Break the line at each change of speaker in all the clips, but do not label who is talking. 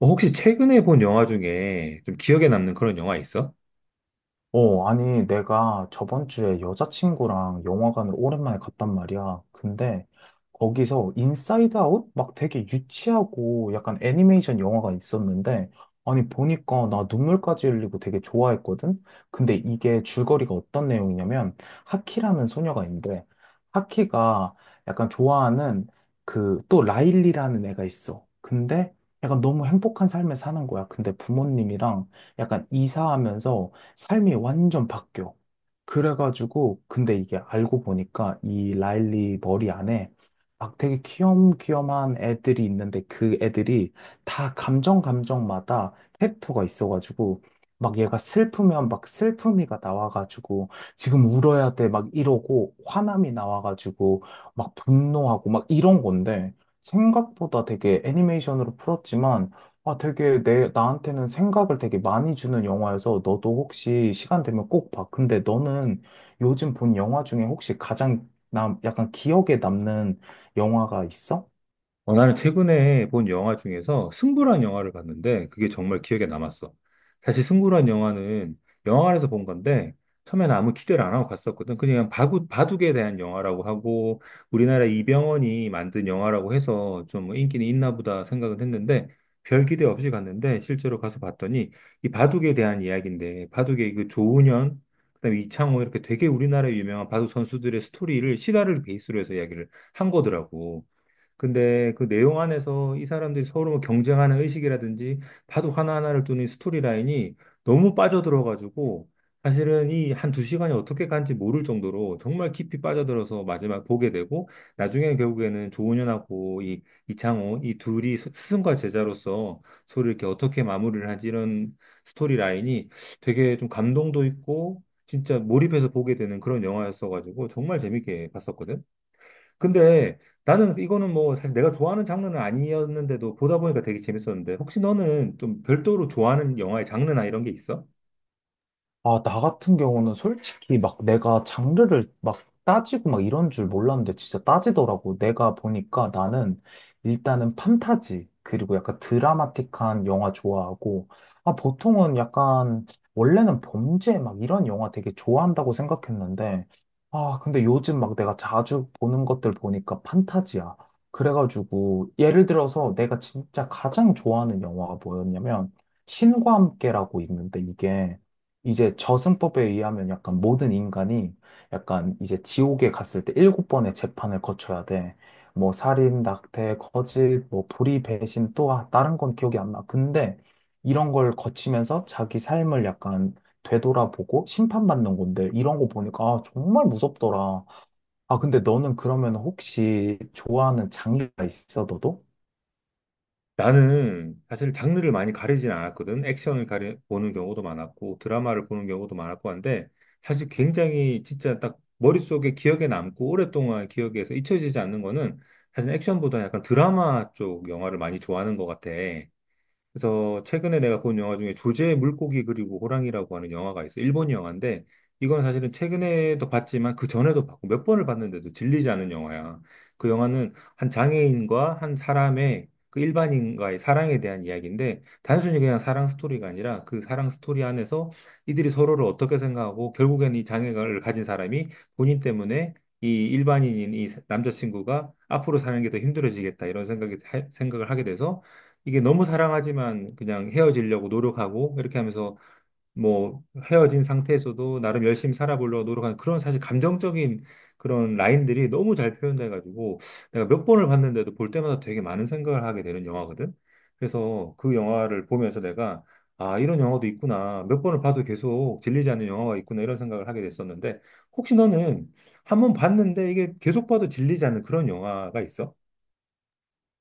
혹시 최근에 본 영화 중에 좀 기억에 남는 그런 영화 있어?
어, 아니, 내가 저번 주에 여자친구랑 영화관을 오랜만에 갔단 말이야. 근데 거기서 인사이드 아웃? 막 되게 유치하고 약간 애니메이션 영화가 있었는데, 아니, 보니까 나 눈물까지 흘리고 되게 좋아했거든? 근데 이게 줄거리가 어떤 내용이냐면, 하키라는 소녀가 있는데, 하키가 약간 좋아하는 그 또 라일리라는 애가 있어. 근데 약간 너무 행복한 삶을 사는 거야. 근데 부모님이랑 약간 이사하면서 삶이 완전 바뀌어. 그래가지고, 근데 이게 알고 보니까 이 라일리 머리 안에 막 되게 귀염귀염한 애들이 있는데 그 애들이 다 감정마다 캐릭터가 있어가지고 막 얘가 슬프면 막 슬픔이가 나와가지고 지금 울어야 돼 막 이러고 화남이 나와가지고 막 분노하고 막 이런 건데 생각보다 되게 애니메이션으로 풀었지만 아, 되게 나한테는 생각을 되게 많이 주는 영화여서 너도 혹시 시간 되면 꼭 봐. 근데 너는 요즘 본 영화 중에 혹시 약간 기억에 남는 영화가 있어?
어, 나는 최근에 본 영화 중에서 승부란 영화를 봤는데 그게 정말 기억에 남았어. 사실 승부란 영화는 영화관에서 본 건데, 처음에는 아무 기대를 안 하고 갔었거든. 그냥 바둑에 대한 영화라고 하고, 우리나라 이병헌이 만든 영화라고 해서 좀 인기는 있나 보다 생각은 했는데, 별 기대 없이 갔는데 실제로 가서 봤더니 이 바둑에 대한 이야기인데, 바둑의 그 조은현, 그다음에 이창호, 이렇게 되게 우리나라의 유명한 바둑 선수들의 스토리를 실화를 베이스로 해서 이야기를 한 거더라고. 근데 그 내용 안에서 이 사람들이 서로 뭐 경쟁하는 의식이라든지, 바둑 하나하나를 두는 이 스토리 라인이 너무 빠져들어가지고, 사실은 이 한 두 시간이 어떻게 간지 모를 정도로 정말 깊이 빠져들어서 마지막 보게 되고, 나중에 결국에는 조은현하고 이 이창호 이 둘이 스승과 제자로서 서로 이렇게 어떻게 마무리를 하지, 이런 스토리 라인이 되게 좀 감동도 있고 진짜 몰입해서 보게 되는 그런 영화였어가지고 정말 재밌게 봤었거든. 근데 나는 이거는 뭐 사실 내가 좋아하는 장르는 아니었는데도 보다 보니까 되게 재밌었는데, 혹시 너는 좀 별도로 좋아하는 영화의 장르나 이런 게 있어?
아, 나 같은 경우는 솔직히 막 내가 장르를 막 따지고 막 이런 줄 몰랐는데 진짜 따지더라고. 내가 보니까 나는 일단은 판타지, 그리고 약간 드라마틱한 영화 좋아하고, 아, 보통은 약간, 원래는 범죄 막 이런 영화 되게 좋아한다고 생각했는데, 아, 근데 요즘 막 내가 자주 보는 것들 보니까 판타지야. 그래가지고, 예를 들어서 내가 진짜 가장 좋아하는 영화가 뭐였냐면, 신과 함께라고 있는데 이게, 이제 저승법에 의하면 약간 모든 인간이 약간 이제 지옥에 갔을 때 일곱 번의 재판을 거쳐야 돼. 뭐 살인, 낙태, 거짓, 뭐 불의, 배신 또 아, 다른 건 기억이 안 나. 근데 이런 걸 거치면서 자기 삶을 약간 되돌아보고 심판받는 건데 이런 거 보니까 아, 정말 무섭더라. 아, 근데 너는 그러면 혹시 좋아하는 장르가 있어, 너도?
나는 사실 장르를 많이 가리진 않았거든. 액션을 보는 경우도 많았고 드라마를 보는 경우도 많았고 한데, 사실 굉장히 진짜 딱 머릿속에 기억에 남고 오랫동안 기억에서 잊혀지지 않는 거는 사실 액션보다 약간 드라마 쪽 영화를 많이 좋아하는 것 같아. 그래서 최근에 내가 본 영화 중에 조제의 물고기 그리고 호랑이라고 하는 영화가 있어. 일본 영화인데 이건 사실은 최근에도 봤지만 그 전에도 봤고 몇 번을 봤는데도 질리지 않은 영화야. 그 영화는 한 장애인과 한 사람의 그 일반인과의 사랑에 대한 이야기인데, 단순히 그냥 사랑 스토리가 아니라 그 사랑 스토리 안에서 이들이 서로를 어떻게 생각하고 결국엔 이 장애를 가진 사람이 본인 때문에 이 일반인인 이 남자친구가 앞으로 사는 게 더 힘들어지겠다, 이런 생각이 생각을 하게 돼서 이게 너무 사랑하지만 그냥 헤어지려고 노력하고 이렇게 하면서, 뭐 헤어진 상태에서도 나름 열심히 살아보려고 노력하는 그런 사실 감정적인 그런 라인들이 너무 잘 표현돼가지고, 내가 몇 번을 봤는데도 볼 때마다 되게 많은 생각을 하게 되는 영화거든. 그래서 그 영화를 보면서 내가, 아, 이런 영화도 있구나. 몇 번을 봐도 계속 질리지 않는 영화가 있구나. 이런 생각을 하게 됐었는데, 혹시 너는 한 번 봤는데 이게 계속 봐도 질리지 않는 그런 영화가 있어?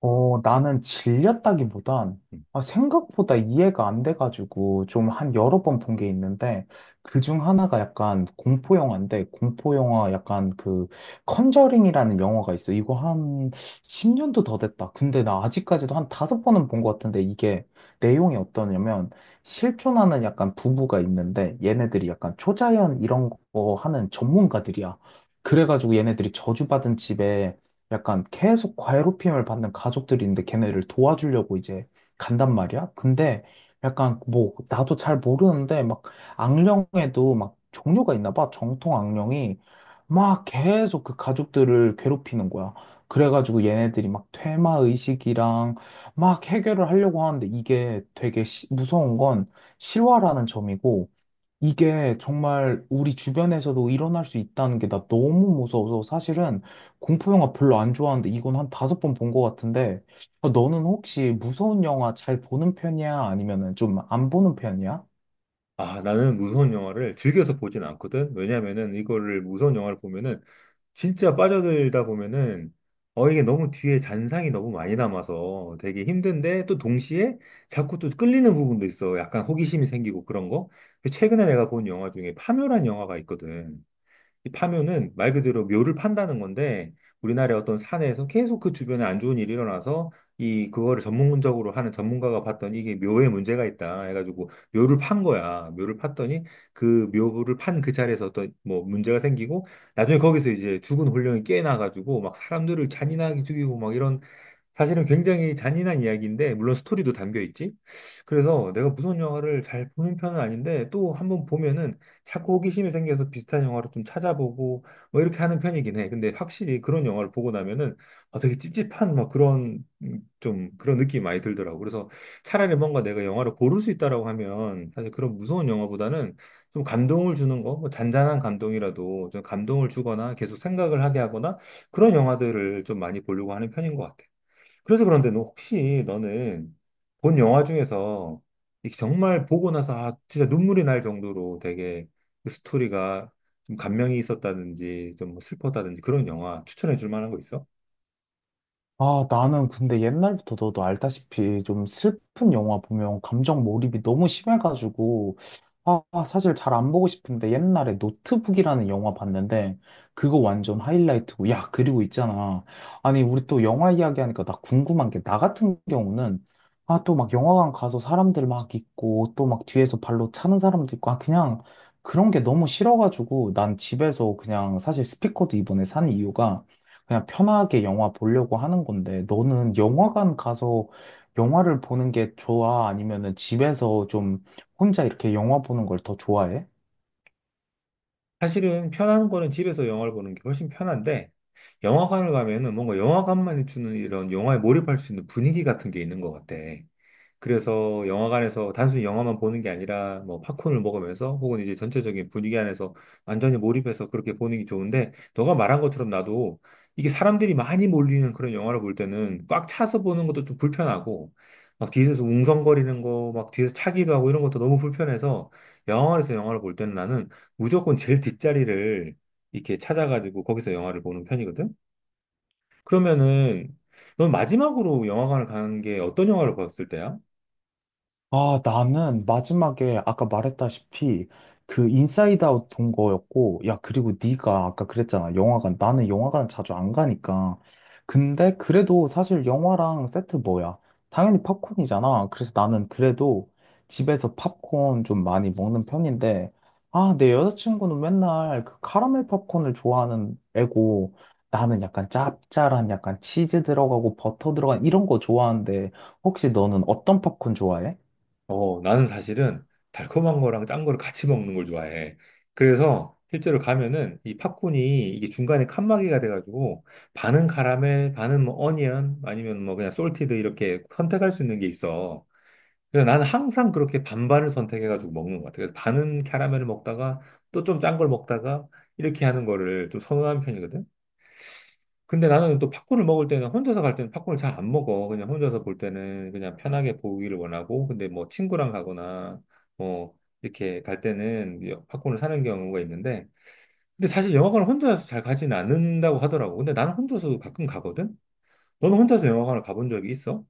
어, 나는 질렸다기보단
음.
아, 생각보다 이해가 안 돼가지고 좀 한 여러 번 본 게 있는데 그 중 하나가 약간 공포 영화인데 공포 영화 약간 그 컨저링이라는 영화가 있어. 이거 한 10년도 더 됐다. 근데 나 아직까지도 한 다섯 번은 본 것 같은데 이게 내용이 어떠냐면 실존하는 약간 부부가 있는데 얘네들이 약간 초자연 이런 거 하는 전문가들이야. 그래가지고 얘네들이 저주받은 집에 약간 계속 과외롭힘을 받는 가족들이 있는데 걔네를 도와주려고 이제 간단 말이야. 근데 약간 뭐 나도 잘 모르는데 막 악령에도 막 종류가 있나 봐. 정통 악령이 막 계속 그 가족들을 괴롭히는 거야. 그래가지고 얘네들이 막 퇴마 의식이랑 막 해결을 하려고 하는데 이게 되게 무서운 건 실화라는 점이고 이게 정말 우리 주변에서도 일어날 수 있다는 게 나 너무 무서워서 사실은 공포 영화 별로 안 좋아하는데 이건 한 다섯 번 본 것 같은데 아, 너는 혹시 무서운 영화 잘 보는 편이야? 아니면은 좀 안 보는 편이야?
아, 나는 무서운 영화를 즐겨서 보진 않거든. 왜냐면은 이거를 무서운 영화를 보면은 진짜 빠져들다 보면은, 이게 너무 뒤에 잔상이 너무 많이 남아서 되게 힘든데, 또 동시에 자꾸 또 끌리는 부분도 있어. 약간 호기심이 생기고 그런 거. 그 최근에 내가 본 영화 중에 파묘란 영화가 있거든. 이 파묘는 말 그대로 묘를 판다는 건데, 우리나라의 어떤 산에서 계속 그 주변에 안 좋은 일이 일어나서 이 그거를 전문적으로 하는 전문가가 봤더니 이게 묘에 문제가 있다 해가지고 묘를 판 거야. 묘를 팠더니 그 묘를 판 그 자리에서 어떤 뭐 문제가 생기고 나중에 거기서 이제 죽은 혼령이 깨어나가지고 막 사람들을 잔인하게 죽이고 막 이런, 사실은 굉장히 잔인한 이야기인데, 물론 스토리도 담겨 있지. 그래서 내가 무서운 영화를 잘 보는 편은 아닌데, 또 한번 보면은 자꾸 호기심이 생겨서 비슷한 영화를 좀 찾아보고, 뭐 이렇게 하는 편이긴 해. 근데 확실히 그런 영화를 보고 나면은, 아, 되게 찝찝한 막 그런, 좀 그런 느낌이 많이 들더라고. 그래서 차라리 뭔가 내가 영화를 고를 수 있다라고 하면, 사실 그런 무서운 영화보다는 좀 감동을 주는 거, 뭐 잔잔한 감동이라도 좀 감동을 주거나 계속 생각을 하게 하거나 그런 영화들을 좀 많이 보려고 하는 편인 것 같아. 그래서 그런데 너 혹시 너는 본 영화 중에서 이게 정말 보고 나서, 아, 진짜 눈물이 날 정도로 되게 그 스토리가 좀 감명이 있었다든지 좀뭐 슬펐다든지 그런 영화 추천해 줄 만한 거 있어?
아, 나는 근데 옛날부터 너도 알다시피 좀 슬픈 영화 보면 감정 몰입이 너무 심해가지고, 아, 사실 잘 안 보고 싶은데 옛날에 노트북이라는 영화 봤는데, 그거 완전 하이라이트고, 야, 그리고 있잖아. 아니, 우리 또 영화 이야기하니까 나 궁금한 게, 나 같은 경우는, 아, 또 막 영화관 가서 사람들 막 있고, 또 막 뒤에서 발로 차는 사람도 있고, 아, 그냥 그런 게 너무 싫어가지고, 난 집에서 그냥 사실 스피커도 이번에 산 이유가, 그냥 편하게 영화 보려고 하는 건데, 너는 영화관 가서 영화를 보는 게 좋아? 아니면은 집에서 좀 혼자 이렇게 영화 보는 걸 더 좋아해?
사실은 편한 거는 집에서 영화를 보는 게 훨씬 편한데, 영화관을 가면은 뭔가 영화관만이 주는 이런 영화에 몰입할 수 있는 분위기 같은 게 있는 것 같아. 그래서 영화관에서 단순히 영화만 보는 게 아니라 뭐 팝콘을 먹으면서 혹은 이제 전체적인 분위기 안에서 완전히 몰입해서 그렇게 보는 게 좋은데, 너가 말한 것처럼 나도 이게 사람들이 많이 몰리는 그런 영화를 볼 때는 꽉 차서 보는 것도 좀 불편하고, 막 뒤에서 웅성거리는 거, 막 뒤에서 차기도 하고 이런 것도 너무 불편해서 영화관에서 영화를 볼 때는 나는 무조건 제일 뒷자리를 이렇게 찾아가지고 거기서 영화를 보는 편이거든. 그러면은 넌 마지막으로 영화관을 간 게 어떤 영화를 봤을 때야?
아, 나는 마지막에 아까 말했다시피 그 인사이드 아웃 본 거였고, 야, 그리고 네가 아까 그랬잖아. 영화관. 나는 영화관 자주 안 가니까. 근데 그래도 사실 영화랑 세트 뭐야? 당연히 팝콘이잖아. 그래서 나는 그래도 집에서 팝콘 좀 많이 먹는 편인데, 아, 내 여자친구는 맨날 그 카라멜 팝콘을 좋아하는 애고, 나는 약간 짭짤한 약간 치즈 들어가고 버터 들어간 이런 거 좋아하는데, 혹시 너는 어떤 팝콘 좋아해?
어, 나는 사실은 달콤한 거랑 짠 거를 같이 먹는 걸 좋아해. 그래서 실제로 가면은 이 팝콘이 이게 중간에 칸막이가 돼가지고 반은 카라멜, 반은 뭐 어니언 아니면 뭐 그냥 솔티드 이렇게 선택할 수 있는 게 있어. 그래서 나는 항상 그렇게 반반을 선택해가지고 먹는 것 같아. 그래서 반은 카라멜을 먹다가 또 좀 짠 걸 먹다가 이렇게 하는 거를 좀 선호하는 편이거든. 근데 나는 또 팝콘을 먹을 때는, 혼자서 갈 때는 팝콘을 잘 안 먹어. 그냥 혼자서 볼 때는 그냥 편하게 보기를 원하고, 근데 뭐 친구랑 가거나 뭐 이렇게 갈 때는 팝콘을 사는 경우가 있는데, 근데 사실 영화관을 혼자서 잘 가지는 않는다고 하더라고. 근데 나는 혼자서 가끔 가거든? 너는 혼자서 영화관을 가본 적이 있어?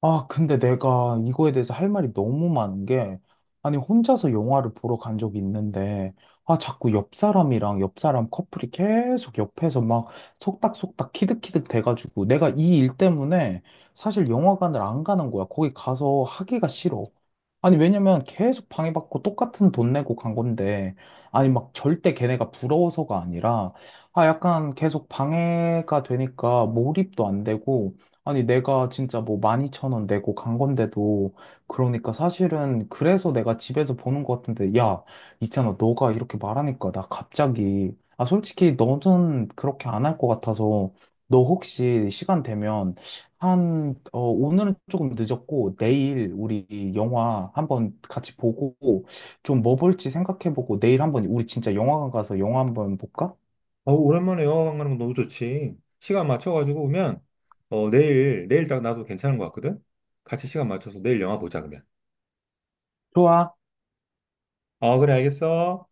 아, 근데 내가 이거에 대해서 할 말이 너무 많은 게, 아니, 혼자서 영화를 보러 간 적이 있는데, 아, 자꾸 옆 사람이랑 옆 사람 커플이 계속 옆에서 막 속닥속닥 키득키득 돼가지고, 내가 이 일 때문에 사실 영화관을 안 가는 거야. 거기 가서 하기가 싫어. 아니, 왜냐면 계속 방해받고 똑같은 돈 내고 간 건데, 아니, 막 절대 걔네가 부러워서가 아니라, 아, 약간 계속 방해가 되니까 몰입도 안 되고, 아니, 내가 진짜 뭐 12,000원 내고 간 건데도, 그러니까 사실은 그래서 내가 집에서 보는 것 같은데, 야, 있잖아, 너가 이렇게 말하니까 나 갑자기, 아, 솔직히 너는 그렇게 안 할 것 같아서, 너 혹시 시간 되면, 한, 어, 오늘은 조금 늦었고, 내일 우리 영화 한번 같이 보고, 좀 뭐 볼지 생각해보고, 내일 한번 우리 진짜 영화관 가서 영화 한번 볼까?
어, 오랜만에 영화관 가는 거 너무 좋지. 시간 맞춰가지고 오면, 내일 딱 나도 괜찮은 것 같거든? 같이 시간 맞춰서 내일 영화 보자, 그러면.
좋아.
어, 그래, 알겠어.